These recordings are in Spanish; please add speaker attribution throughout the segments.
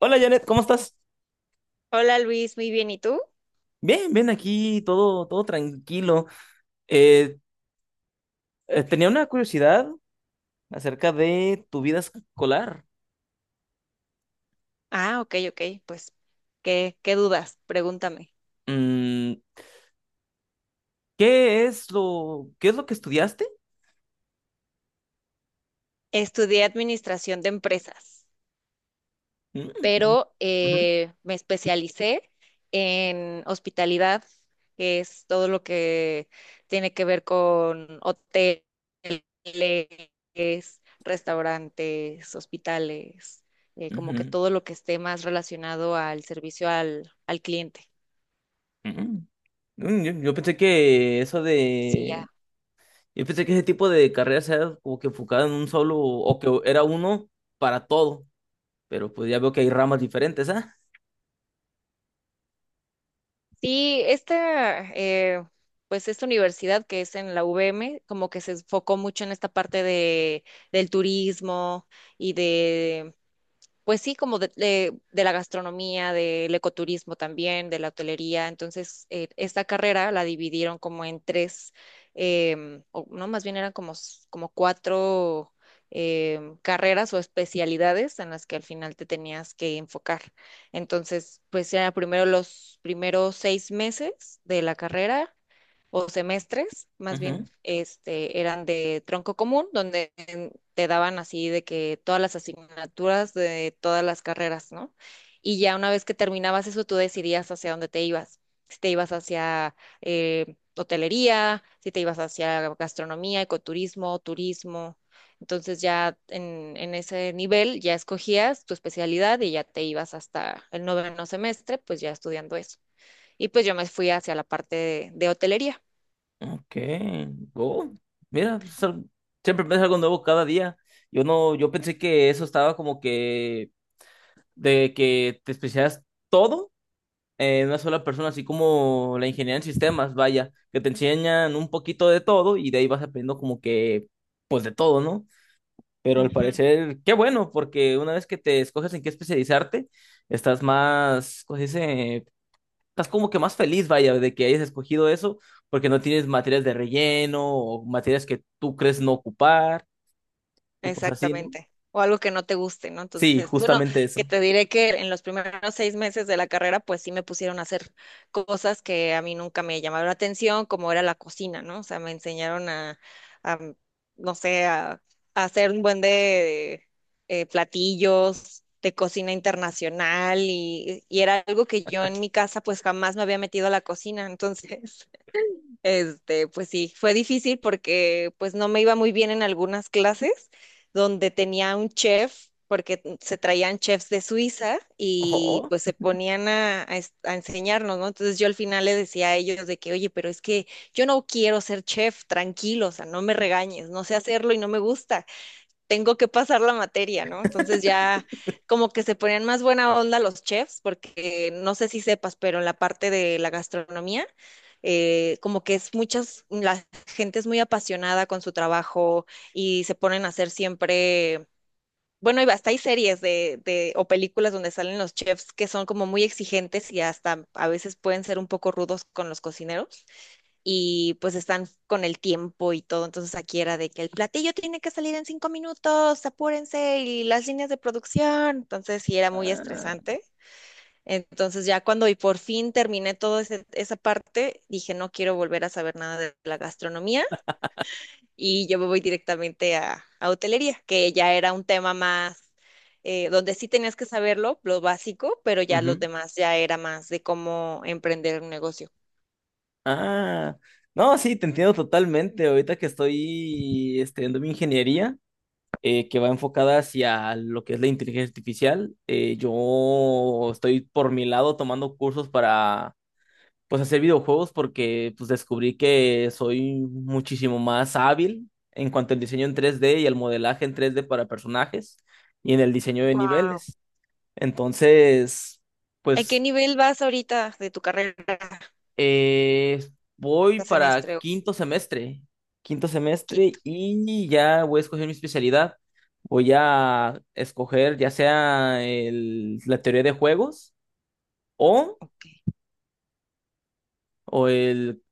Speaker 1: Hola Janet, ¿cómo estás?
Speaker 2: Hola Luis, muy bien. ¿Y tú?
Speaker 1: Bien, bien aquí, todo tranquilo. Eh, tenía una curiosidad acerca de tu vida escolar.
Speaker 2: Ah, ok, ok. Pues, ¿qué dudas? Pregúntame.
Speaker 1: Mm, qué es lo que estudiaste?
Speaker 2: Estudié administración de empresas,
Speaker 1: Mm,
Speaker 2: pero
Speaker 1: ujú,
Speaker 2: me especialicé en hospitalidad, que es todo lo que tiene que ver con hoteles, restaurantes, hospitales, como que
Speaker 1: ujú,
Speaker 2: todo lo que esté más relacionado al servicio al cliente.
Speaker 1: ujú. Yo pensé
Speaker 2: Sí, ya.
Speaker 1: yo pensé que ese tipo de carreras era como que enfocada en un solo, o que era uno para todo, pero pues ya veo que hay ramas diferentes, ¿ah?
Speaker 2: Sí, pues esta universidad que es en la UVM, como que se enfocó mucho en esta parte del turismo y de pues sí, como de la gastronomía, del ecoturismo también, de la hotelería. Entonces, esta carrera la dividieron como en tres, o no, más bien eran como cuatro carreras o especialidades en las que al final te tenías que enfocar. Entonces, pues era primero los primeros 6 meses de la carrera o semestres, más bien, este, eran de tronco común, donde te daban así de que todas las asignaturas de todas las carreras, ¿no? Y ya una vez que terminabas eso, tú decidías hacia dónde te ibas. Si te ibas hacia hotelería, si te ibas hacia gastronomía, ecoturismo, turismo. Entonces ya en ese nivel ya escogías tu especialidad y ya te ibas hasta el noveno semestre, pues ya estudiando eso. Y pues yo me fui hacia la parte de hotelería.
Speaker 1: Ok. Oh, mira, siempre aprendes algo nuevo cada día. Yo no, yo pensé que eso estaba como que de que te especializas todo en una sola persona, así como la ingeniería en sistemas, vaya, que te enseñan un poquito de todo y de ahí vas aprendiendo como que, pues de todo, ¿no? Pero al
Speaker 2: Ujú.
Speaker 1: parecer, qué bueno, porque una vez que te escoges en qué especializarte, estás más, ¿cómo se dice? Estás como que más feliz, vaya, de que hayas escogido eso, porque no tienes materias de relleno o materias que tú crees no ocupar, y pues así, ¿no?
Speaker 2: Exactamente. O algo que no te guste, ¿no?
Speaker 1: Sí,
Speaker 2: Entonces, bueno,
Speaker 1: justamente
Speaker 2: que
Speaker 1: eso.
Speaker 2: te diré que en los primeros 6 meses de la carrera, pues sí me pusieron a hacer cosas que a mí nunca me llamaron la atención, como era la cocina, ¿no? O sea, me enseñaron a, no sé, a hacer un buen de platillos de cocina internacional y era algo que yo en mi casa, pues jamás me había metido a la cocina. Entonces, este, pues sí, fue difícil porque pues no me iba muy bien en algunas clases donde tenía un chef, porque se traían chefs de Suiza y
Speaker 1: Oh,
Speaker 2: pues se ponían a enseñarnos, ¿no? Entonces yo al final le decía a ellos de que, oye, pero es que yo no quiero ser chef, tranquilo, o sea, no me regañes, no sé hacerlo y no me gusta, tengo que pasar la materia, ¿no? Entonces ya como que se ponían más buena onda los chefs, porque no sé si sepas, pero en la parte de la gastronomía, como que es muchas, la gente es muy apasionada con su trabajo y se ponen a hacer siempre... Bueno, y hasta hay series o películas donde salen los chefs que son como muy exigentes y hasta a veces pueden ser un poco rudos con los cocineros y pues están con el tiempo y todo. Entonces aquí era de que el platillo tiene que salir en 5 minutos, apúrense, y las líneas de producción. Entonces sí era muy
Speaker 1: ah,
Speaker 2: estresante. Entonces ya cuando y por fin terminé toda esa parte, dije no quiero volver a saber nada de la gastronomía y yo me voy directamente a hotelería, que ya era un tema más, donde sí tenías que saberlo, lo básico, pero ya los
Speaker 1: ujú,
Speaker 2: demás ya era más de cómo emprender un negocio.
Speaker 1: ah. No, sí, te entiendo totalmente. Ahorita que estoy estudiando mi ingeniería, que va enfocada hacia lo que es la inteligencia artificial, yo estoy por mi lado tomando cursos para pues hacer videojuegos porque pues descubrí que soy muchísimo más hábil en cuanto al diseño en 3D y al modelaje en 3D para personajes y en el diseño de
Speaker 2: Guau.
Speaker 1: niveles. Entonces,
Speaker 2: ¿A qué
Speaker 1: pues
Speaker 2: nivel vas ahorita de tu carrera?
Speaker 1: eh, voy
Speaker 2: ¿A
Speaker 1: para
Speaker 2: semestre o
Speaker 1: quinto semestre
Speaker 2: quinto?
Speaker 1: y ya voy a escoger mi especialidad. Voy a escoger ya sea la teoría de juegos o,
Speaker 2: Ok.
Speaker 1: o el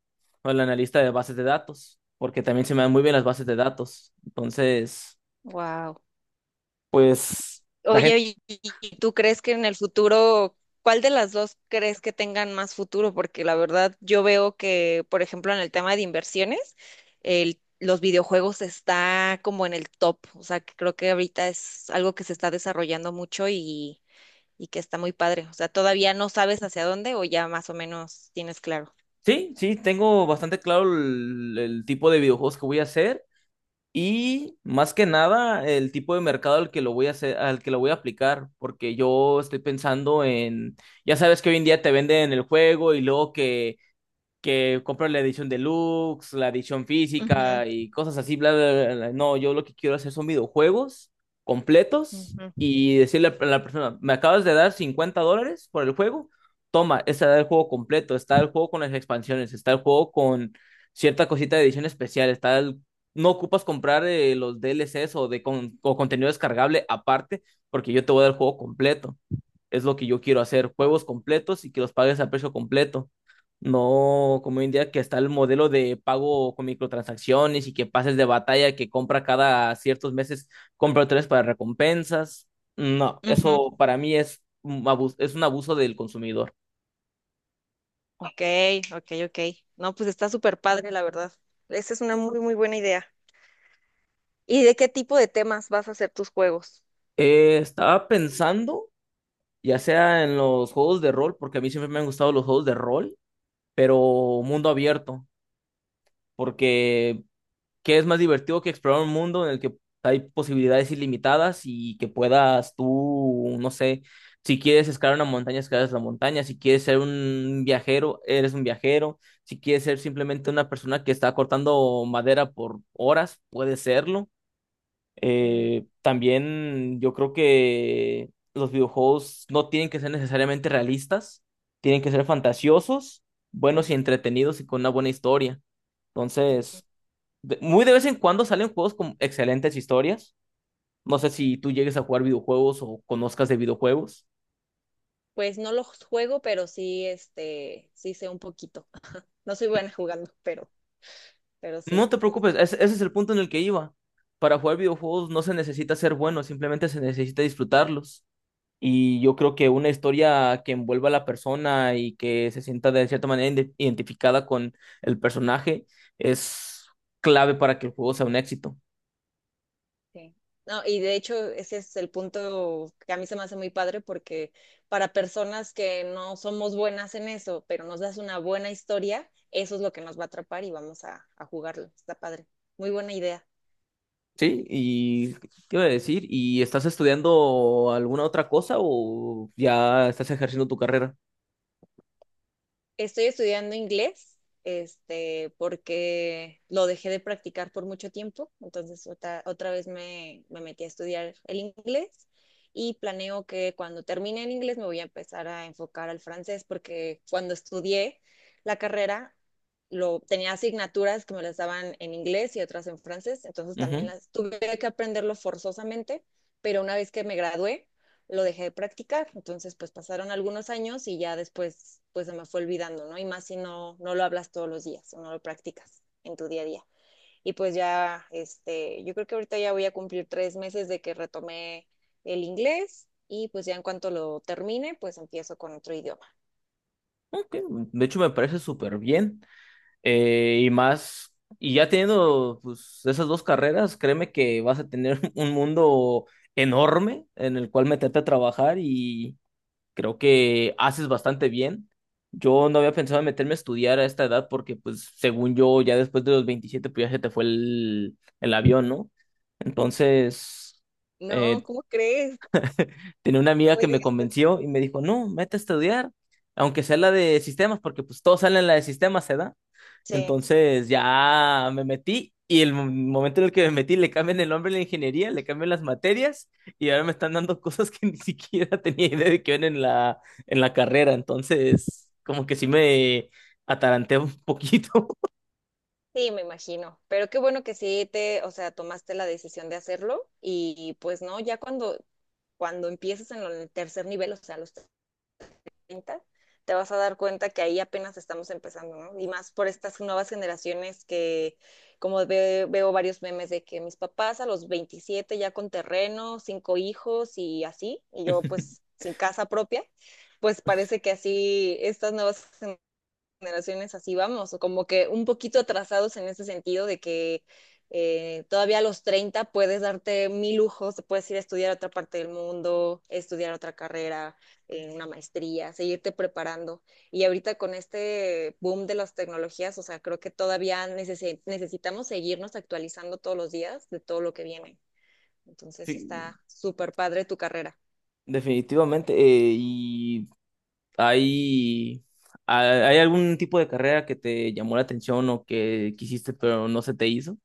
Speaker 1: o el analista de bases de datos, porque también se me dan muy bien las bases de datos. Entonces,
Speaker 2: Wow.
Speaker 1: pues la gente...
Speaker 2: Oye, ¿y tú crees que en el futuro, cuál de las dos crees que tengan más futuro? Porque la verdad, yo veo que, por ejemplo, en el tema de inversiones, los videojuegos está como en el top. O sea, que creo que ahorita es algo que se está desarrollando mucho, y que está muy padre. O sea, todavía no sabes hacia dónde o ya más o menos tienes claro.
Speaker 1: Sí, sí, tengo bastante claro el tipo de videojuegos que voy a hacer y más que nada el tipo de mercado al que lo voy a hacer, al que lo voy a aplicar, porque yo estoy pensando en, ya sabes que hoy en día te venden el juego y luego que comprar la edición deluxe, la edición
Speaker 2: Ujú.
Speaker 1: física y cosas así, bla, bla, bla, bla. No, yo lo que quiero hacer son videojuegos completos
Speaker 2: Ujú.
Speaker 1: y decirle a la persona, me acabas de dar $50 por el juego, toma, está el juego completo, está el juego con las expansiones, está el juego con cierta cosita de edición especial, está el... No ocupas comprar los DLCs o, o contenido descargable aparte, porque yo te voy a dar el juego completo. Es lo que yo quiero hacer,
Speaker 2: Guau.
Speaker 1: juegos completos y que los pagues a precio completo. No, como hoy en día que está el modelo de pago con microtransacciones y que pases de batalla que compra cada ciertos meses, compra tres para recompensas. No,
Speaker 2: Ujú.
Speaker 1: eso para mí es un abuso del consumidor.
Speaker 2: Ok, ok, ok. No, pues está súper padre, la verdad. Esa es una muy, muy buena idea. ¿Y de qué tipo de temas vas a hacer tus juegos?
Speaker 1: Estaba pensando, ya sea en los juegos de rol, porque a mí siempre me han gustado los juegos de rol, pero mundo abierto, porque que es más divertido que explorar un mundo en el que hay posibilidades ilimitadas y que puedas tú, no sé, si quieres escalar una montaña, escalas la montaña, si quieres ser un viajero, eres un viajero, si quieres ser simplemente una persona que está cortando madera por horas, puedes serlo.
Speaker 2: Mm.
Speaker 1: También yo creo que los videojuegos no tienen que ser necesariamente realistas, tienen que ser fantasiosos, buenos y
Speaker 2: Ujú.
Speaker 1: entretenidos y con una buena historia.
Speaker 2: Ujú.
Speaker 1: Entonces, muy de vez en cuando salen juegos con excelentes historias. No sé
Speaker 2: Ujú.
Speaker 1: si tú llegues a jugar videojuegos o conozcas de videojuegos.
Speaker 2: Pues no los juego, pero sí, este, sí sé un poquito. No soy buena jugando, pero
Speaker 1: No
Speaker 2: sí.
Speaker 1: te preocupes, ese es el punto en el que iba. Para jugar videojuegos no se necesita ser bueno, simplemente se necesita disfrutarlos. Y yo creo que una historia que envuelva a la persona y que se sienta de cierta manera identificada con el personaje es clave para que el juego sea un éxito.
Speaker 2: Sí. No, y de hecho ese es el punto que a mí se me hace muy padre porque para personas que no somos buenas en eso, pero nos das una buena historia, eso es lo que nos va a atrapar y vamos a jugarlo. Está padre. Muy buena idea.
Speaker 1: Sí, y ¿qué iba a decir? ¿Y estás estudiando alguna otra cosa o ya estás ejerciendo tu carrera?
Speaker 2: Estoy estudiando inglés, este, porque lo dejé de practicar por mucho tiempo, entonces otra vez me metí a estudiar el inglés y planeo que cuando termine el inglés me voy a empezar a enfocar al francés, porque cuando estudié la carrera, tenía asignaturas que me las daban en inglés y otras en francés, entonces también
Speaker 1: Ujú.
Speaker 2: las tuve que aprenderlo forzosamente, pero una vez que me gradué, lo dejé de practicar. Entonces, pues pasaron algunos años y ya después, pues se me fue olvidando, ¿no? Y más si no, no lo hablas todos los días o no lo practicas en tu día a día. Y pues ya, este, yo creo que ahorita ya voy a cumplir 3 meses de que retomé el inglés y pues ya en cuanto lo termine, pues empiezo con otro idioma.
Speaker 1: Ok, de hecho, me parece súper bien. Y más, y ya teniendo pues, esas dos carreras, créeme que vas a tener un mundo enorme en el cual meterte a trabajar y, creo que haces bastante bien. Yo no había pensado en meterme a estudiar a esta edad porque, pues, según yo, ya después de los 27 pues ya se te fue el avión, ¿no? Entonces,
Speaker 2: No,
Speaker 1: eh,
Speaker 2: ¿cómo crees?
Speaker 1: tenía una
Speaker 2: No
Speaker 1: amiga que
Speaker 2: me
Speaker 1: me
Speaker 2: digas eso.
Speaker 1: convenció y me dijo, no, mete a estudiar, aunque sea la de sistemas, porque pues todos salen la de sistemas, se
Speaker 2: Sí,
Speaker 1: entonces ya me metí y el momento en el que me metí le cambian el nombre a la ingeniería, le cambian las materias y ahora me están dando cosas que ni siquiera tenía idea de que iban en la carrera. Entonces, como que sí me ataranté un poquito.
Speaker 2: sí, me imagino. Pero qué bueno que sí o sea, tomaste la decisión de hacerlo y, pues no, ya cuando, empieces en en el tercer nivel, o sea, los 30, te vas a dar cuenta que ahí apenas estamos empezando, ¿no? Y más por estas nuevas generaciones que, como veo varios memes de que mis papás a los 27 ya con terreno, cinco hijos y así, y yo pues sin casa propia, pues parece que así estas nuevas generaciones así vamos, o como que un poquito atrasados en ese sentido de que todavía a los 30 puedes darte mil lujos, te puedes ir a estudiar a otra parte del mundo, estudiar otra carrera, una maestría, seguirte preparando. Y ahorita con este boom de las tecnologías, o sea, creo que todavía necesitamos seguirnos actualizando todos los días de todo lo que viene. Entonces
Speaker 1: Sí,
Speaker 2: está súper padre tu carrera.
Speaker 1: definitivamente. ¿Y hay, hay algún tipo de carrera que te llamó la atención o que quisiste pero no se te hizo?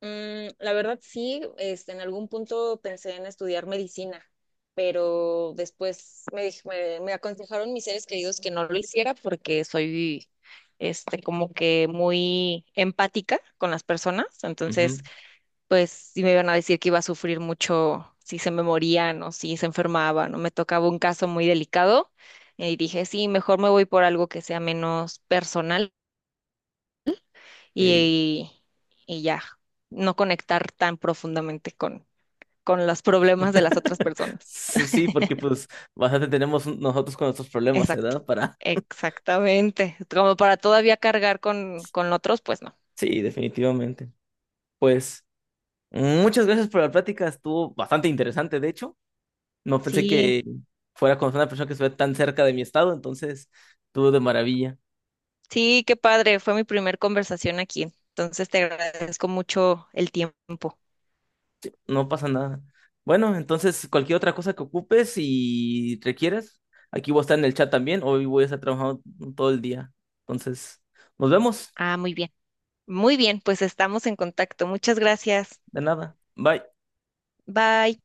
Speaker 2: Mm, la verdad sí, este, en algún punto pensé en estudiar medicina, pero después me aconsejaron mis seres queridos que no lo hiciera porque soy, este, como que muy empática con las personas,
Speaker 1: Ujú,
Speaker 2: entonces, pues sí me iban a decir que iba a sufrir mucho si se me morían o si se enfermaban o me tocaba un caso muy delicado y dije, sí, mejor me voy por algo que sea menos personal
Speaker 1: sí.
Speaker 2: y, y ya, no conectar tan profundamente con los problemas de las otras personas.
Speaker 1: Sí, porque pues bastante tenemos nosotros con nuestros problemas,
Speaker 2: Exacto.
Speaker 1: ¿verdad? Para...
Speaker 2: Exactamente. Como para todavía cargar con otros, pues no.
Speaker 1: Sí, definitivamente. Pues muchas gracias por la plática, estuvo bastante interesante, de hecho. No pensé
Speaker 2: Sí,
Speaker 1: que fuera con una persona que estuviera tan cerca de mi estado, entonces estuvo de maravilla.
Speaker 2: sí, qué padre. Fue mi primer conversación aquí. Entonces te agradezco mucho el tiempo.
Speaker 1: No pasa nada. Bueno, entonces cualquier otra cosa que ocupes y requieras, aquí voy a estar en el chat también. Hoy voy a estar trabajando todo el día. Entonces, nos vemos.
Speaker 2: Ah, muy bien. Muy bien, pues estamos en contacto. Muchas gracias.
Speaker 1: De nada. Bye.
Speaker 2: Bye.